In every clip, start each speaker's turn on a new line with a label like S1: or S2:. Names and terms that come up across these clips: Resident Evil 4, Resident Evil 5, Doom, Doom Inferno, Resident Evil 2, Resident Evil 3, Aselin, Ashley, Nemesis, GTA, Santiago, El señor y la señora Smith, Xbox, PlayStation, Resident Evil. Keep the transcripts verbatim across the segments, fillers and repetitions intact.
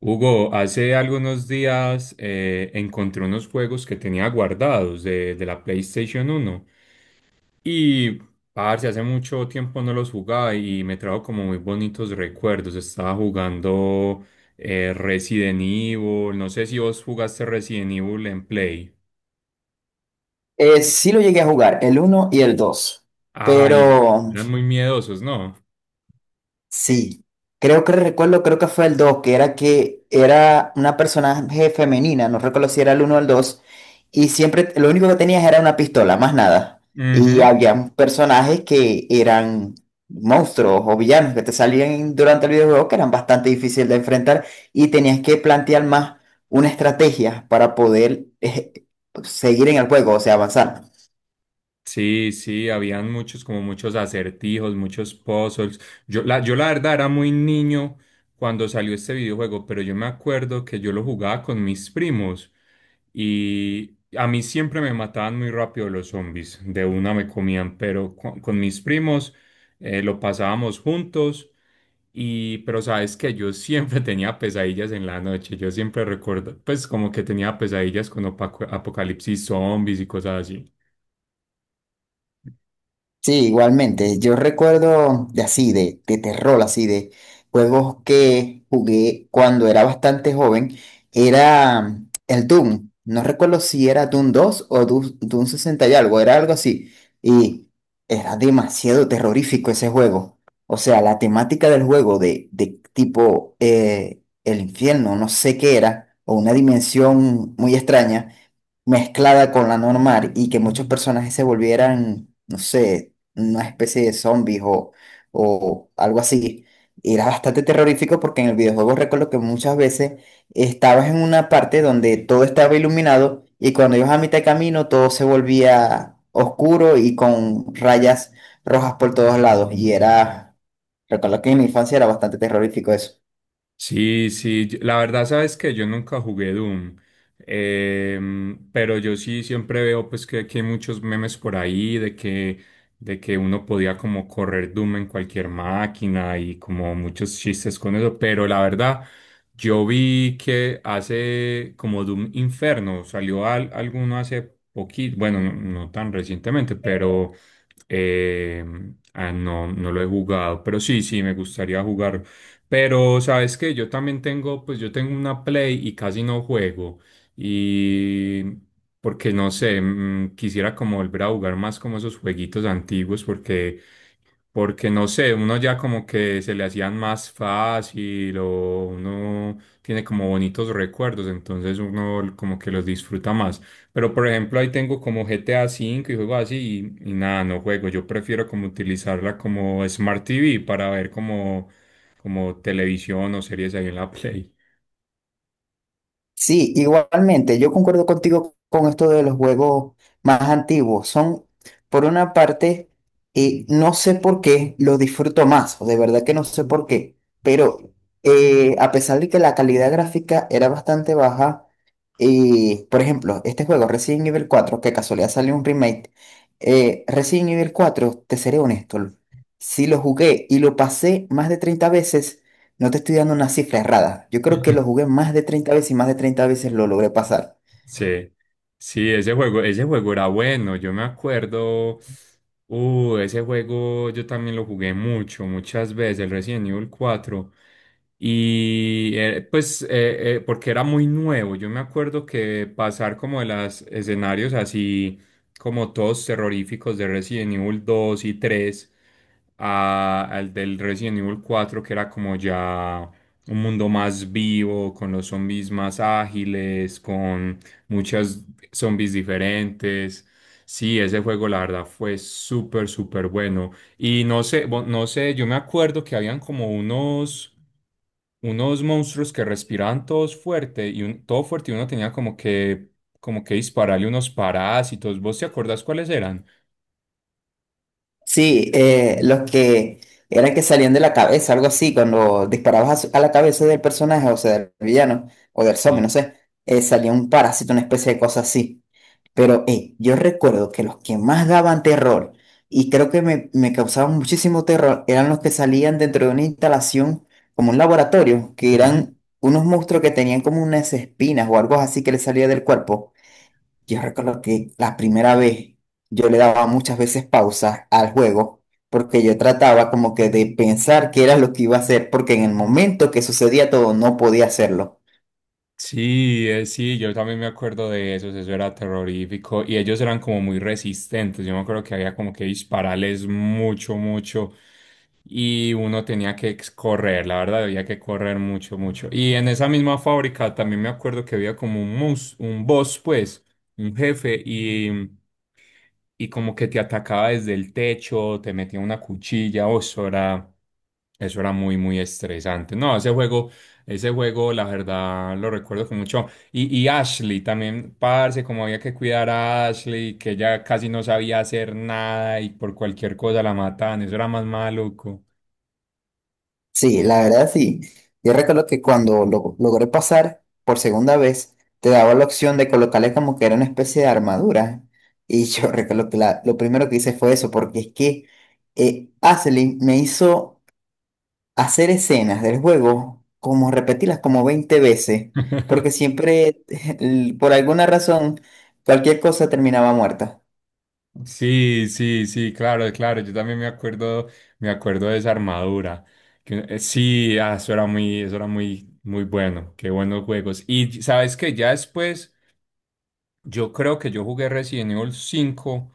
S1: Hugo, hace algunos días eh, encontré unos juegos que tenía guardados de, de la PlayStation uno y, parce, hace mucho tiempo no los jugaba y me trajo como muy bonitos recuerdos. Estaba jugando eh, Resident Evil, no sé si vos jugaste Resident Evil en Play.
S2: Eh, sí lo llegué a jugar, el uno y el dos,
S1: Ay,
S2: pero
S1: eran muy miedosos, ¿no?
S2: sí, creo que recuerdo, creo que fue el dos, que era que era una personaje femenina, no recuerdo si era el uno o el dos, y siempre lo único que tenías era una pistola, más nada. Y
S1: Ujú.
S2: había personajes que eran monstruos o villanos que te salían durante el videojuego que eran bastante difíciles de enfrentar y tenías que plantear más una estrategia para poder eh, seguir en el juego, o sea, avanzar.
S1: Sí, sí, habían muchos, como muchos acertijos, muchos puzzles. Yo la, yo la verdad era muy niño cuando salió este videojuego, pero yo me acuerdo que yo lo jugaba con mis primos y a mí siempre me mataban muy rápido los zombies, de una me comían, pero con, con mis primos eh, lo pasábamos juntos y, pero sabes que yo siempre tenía pesadillas en la noche, yo siempre recuerdo, pues como que tenía pesadillas con apaco- apocalipsis zombies y cosas así.
S2: Sí, igualmente. Yo recuerdo de así, de, de terror, así, de juegos que jugué cuando era bastante joven. Era el Doom. No recuerdo si era Doom dos o Doom, Doom sesenta y algo, era algo así. Y era demasiado terrorífico ese juego. O sea, la temática del juego de, de tipo eh, el infierno, no sé qué era, o una dimensión muy extraña mezclada con la normal y que muchos personajes se volvieran, no sé, una especie de zombies o, o algo así. Y era bastante terrorífico porque en el videojuego recuerdo que muchas veces estabas en una parte donde todo estaba iluminado y cuando ibas a mitad de camino todo se volvía oscuro y con rayas rojas por todos lados. Y era, recuerdo que en mi infancia era bastante terrorífico eso.
S1: Sí, sí, yo- la verdad sabes que yo nunca jugué Doom, em, pero yo sí siempre veo pues que, que hay muchos memes por ahí de que, de que uno podía como correr Doom en cualquier máquina y como muchos chistes con eso, pero la verdad yo vi que hace como Doom Inferno, salió al- alguno hace poquito, bueno, no, no tan recientemente, pero em, ah, no, no lo he jugado, pero sí, sí, me gustaría jugar, pero sabes que yo también tengo, pues yo tengo una Play y casi no juego. Y porque no sé, mm, quisiera como volver a jugar más como esos jueguitos antiguos porque, porque no sé, uno ya como que se le hacían más fácil o uno tiene como bonitos recuerdos, entonces uno como que los disfruta más. Pero por ejemplo ahí tengo como G T A cinco y juego así y, y nada, no juego. Yo prefiero como utilizarla como Smart T V para ver como como televisión o series ahí en la Play.
S2: Sí, igualmente, yo concuerdo contigo con esto de los juegos más antiguos. Son, por una parte, eh, no sé por qué los disfruto más, o de verdad que no sé por qué, pero eh, a pesar de que la calidad gráfica era bastante baja, eh, por ejemplo, este juego Resident Evil cuatro, que casualidad salió un remake, eh, Resident Evil cuatro, te seré honesto, si lo jugué y lo pasé más de treinta veces, no te estoy dando una cifra errada. Yo creo que lo jugué más de treinta veces y más de treinta veces lo logré pasar.
S1: Sí, sí, ese juego, ese juego era bueno, yo me acuerdo, uh, ese juego yo también lo jugué mucho, muchas veces, el Resident Evil cuatro y eh, pues eh, eh, porque era muy nuevo, yo me acuerdo que pasar como de los escenarios así como todos terroríficos de Resident Evil dos y tres a- al del Resident Evil cuatro que era como ya un mundo más vivo, con los zombies más ágiles, con muchas zombies diferentes. Sí, ese juego la verdad fue súper, súper bueno. Y no sé, bo- no sé, yo me acuerdo que habían como unos, unos monstruos que respiraban todos fuerte y un, todo fuerte y uno tenía como que, como que dispararle unos parásitos. ¿Vos te acordás cuáles eran?
S2: Sí, eh, los que eran que salían de la cabeza, algo así, cuando disparabas a, su- a la cabeza del personaje, o sea, del villano, o del zombie,
S1: Sí.
S2: no sé, eh, salía un parásito, una especie de cosa así. Pero eh, yo recuerdo que los que más daban terror, y creo que me, me causaban muchísimo terror, eran los que salían dentro de una instalación, como un laboratorio, que eran unos monstruos que tenían como unas espinas o algo así que les salía del cuerpo. Yo recuerdo que la primera vez yo le daba muchas veces pausa al juego porque yo trataba como que de pensar qué era lo que iba a hacer porque en el momento que sucedía todo no podía hacerlo.
S1: Sí, eh, sí, yo también me acuerdo de esos, eso era terrorífico y ellos eran como muy resistentes, yo me acuerdo que había como que dispararles mucho, mucho y uno tenía que ex- correr, la verdad había que correr mucho, mucho. Y en esa misma fábrica también me acuerdo que había como un, mus- un boss, pues, un jefe y, y como que te atacaba desde el techo, te metía una cuchilla, o eso era, eso era muy, muy estresante. No, ese juego... Ese juego, la verdad, lo recuerdo con mucho. Y, y Ashley también, parce, como había que cuidar a Ashley, que ella casi no sabía hacer nada y por cualquier cosa la mataban, eso era más maluco.
S2: Sí, la verdad sí. Yo recuerdo que cuando lo logré pasar por segunda vez, te daba la opción de colocarle como que era una especie de armadura. Y yo recuerdo que la- lo primero que hice fue eso porque es que eh, Aselin me hizo hacer escenas del juego, como repetirlas como veinte veces, porque siempre, el- por alguna razón, cualquier cosa terminaba muerta.
S1: Sí, sí, sí, claro, claro, yo también me acuerdo, me acuerdo de esa armadura. Que, eh, sí, ah, eso era muy, eso era muy, muy bueno, qué buenos juegos. Y sabes que ya después. Yo creo que yo jugué Resident Evil cinco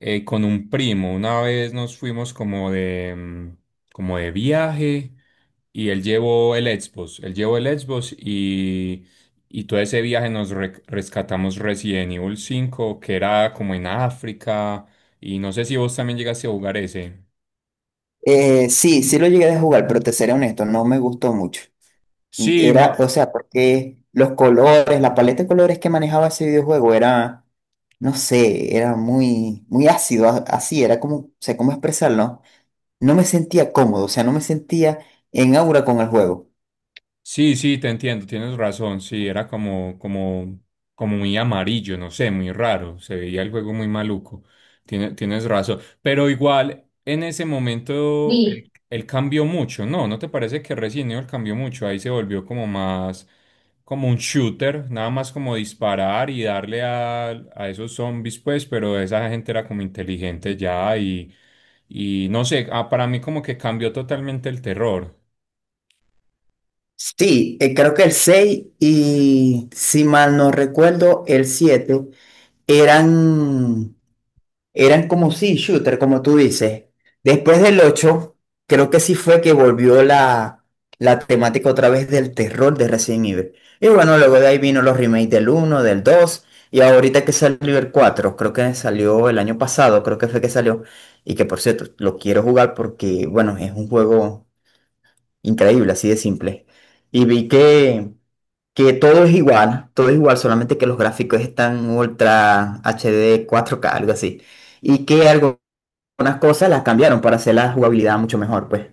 S1: eh, con un primo. Una vez nos fuimos como de, mm, como de viaje y él llevó el Xbox. Él llevó el Xbox y, y todo ese viaje nos re- rescatamos Resident Evil cinco que era como en África. Y no sé si vos también llegaste a jugar ese.
S2: Eh, sí, sí lo llegué a jugar, pero te seré honesto, no me gustó mucho.
S1: Sí,
S2: Era,
S1: no.
S2: o sea, porque los colores, la paleta de colores que manejaba ese videojuego era, no sé, era muy, muy ácido, a- así, era como, o sea, cómo expresarlo. No me sentía cómodo, o sea, no me sentía en aura con el juego.
S1: Sí, sí, te entiendo, tienes razón, sí, era como, como, como muy amarillo, no sé, muy raro, se veía el juego muy maluco, tiene- tienes razón, pero igual en ese momento él, él cambió mucho, ¿no? ¿No te parece que Resident Evil cambió mucho? Ahí se volvió como más, como un shooter, nada más como disparar y darle a, a esos zombies, pues, pero esa gente era como inteligente ya y, y no sé, ah, para mí como que cambió totalmente el terror.
S2: Sí, eh, creo que el seis y si mal no recuerdo, el siete eran, eran como sí, shooter, como tú dices. Después del ocho creo que sí fue que volvió la, la temática otra vez del terror de Resident Evil. Y bueno, luego de ahí vino los remakes del uno, del dos y ahorita que salió el cuatro creo que salió el año pasado, creo que fue que salió. Y que por cierto, lo quiero jugar porque, bueno, es un juego increíble, así de simple. Y vi que que todo es igual, todo es igual, solamente que los gráficos están ultra H D cuatro K, algo así. Y que algo- algunas cosas las cambiaron para hacer la jugabilidad mucho mejor, pues.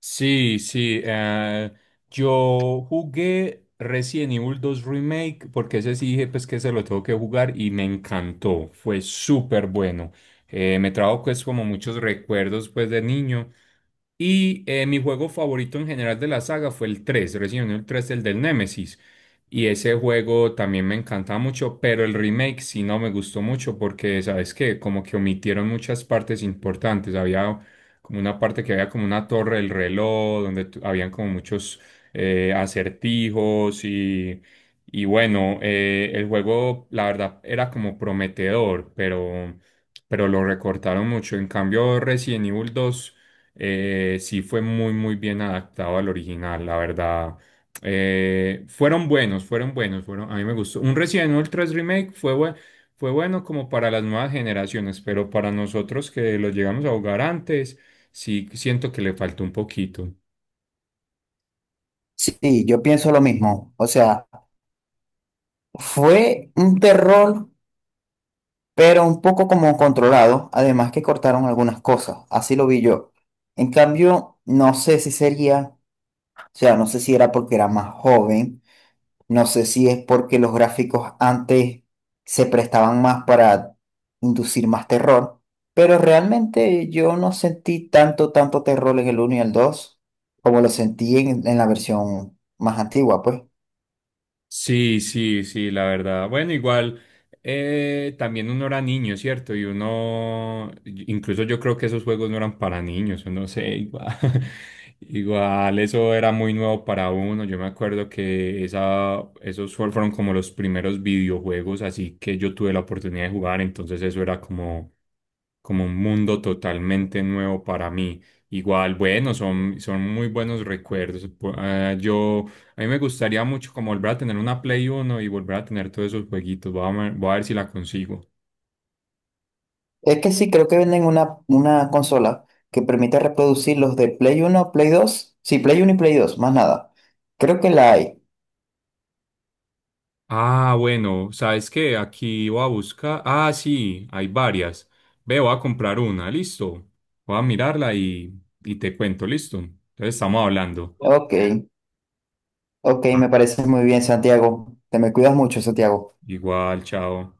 S1: Sí, sí. eh, yo jugué Resident Evil dos Remake porque ese sí dije pues que se lo tengo que jugar y me encantó. Fue súper bueno. Eh, me trajo pues como muchos recuerdos pues de niño. Y eh, mi juego favorito en general de la saga fue el tres, Resident Evil tres, el del Nemesis. Y ese juego también me encantaba mucho, pero el remake sí no me gustó mucho porque, ¿sabes qué? Como que omitieron muchas partes importantes. Había como una parte que había como una torre del reloj, donde tu- habían como muchos eh, acertijos y, y bueno, eh, el juego la verdad era como prometedor, pero, pero lo recortaron mucho. En cambio, Resident Evil dos eh, sí fue muy, muy bien adaptado al original, la verdad. Eh, fueron buenos, fueron buenos, fueron, a mí me gustó. Un Resident Evil tres Remake fue bueno, fue bueno como para las nuevas generaciones, pero para nosotros que lo llegamos a jugar antes, sí siento que le falta un poquito.
S2: Sí, yo pienso lo mismo. O sea, fue un terror, pero un poco como controlado. Además que cortaron algunas cosas. Así lo vi yo. En cambio, no sé si sería, o sea, no sé si era porque era más joven. No sé si es porque los gráficos antes se prestaban más para inducir más terror, pero realmente yo no sentí tanto, tanto terror en el uno y el dos como lo sentí en, en la versión más antigua, pues.
S1: Sí, sí, sí, la verdad. Bueno, igual eh, también uno era niño, ¿cierto? Y uno, incluso yo creo que esos juegos no eran para niños, yo no sé, igual, igual eso era muy nuevo para uno. Yo me acuerdo que esa, esos fue- fueron como los primeros videojuegos, así que yo tuve la oportunidad de jugar, entonces eso era como, como un mundo totalmente nuevo para mí. Igual, bueno, son, son muy buenos recuerdos. Pu- ah, yo a mí me gustaría mucho como volver a tener una Play Uno y volver a tener todos esos jueguitos. Voy a, ver- voy a ver si la consigo.
S2: Es que sí, creo que venden una, una consola que permite reproducir los de Play uno Play dos sí, Play uno y Play dos más nada. Creo que la hay.
S1: Ah, bueno, ¿sabes qué? Aquí voy a buscar. Ah, sí, hay varias. Ve, voy a comprar una, listo. Voy a mirarla y, y te cuento, listo. Entonces estamos hablando.
S2: Ok, ok,
S1: Ah.
S2: me parece muy bien, Santiago. Te me cuidas mucho, Santiago.
S1: Igual, chao.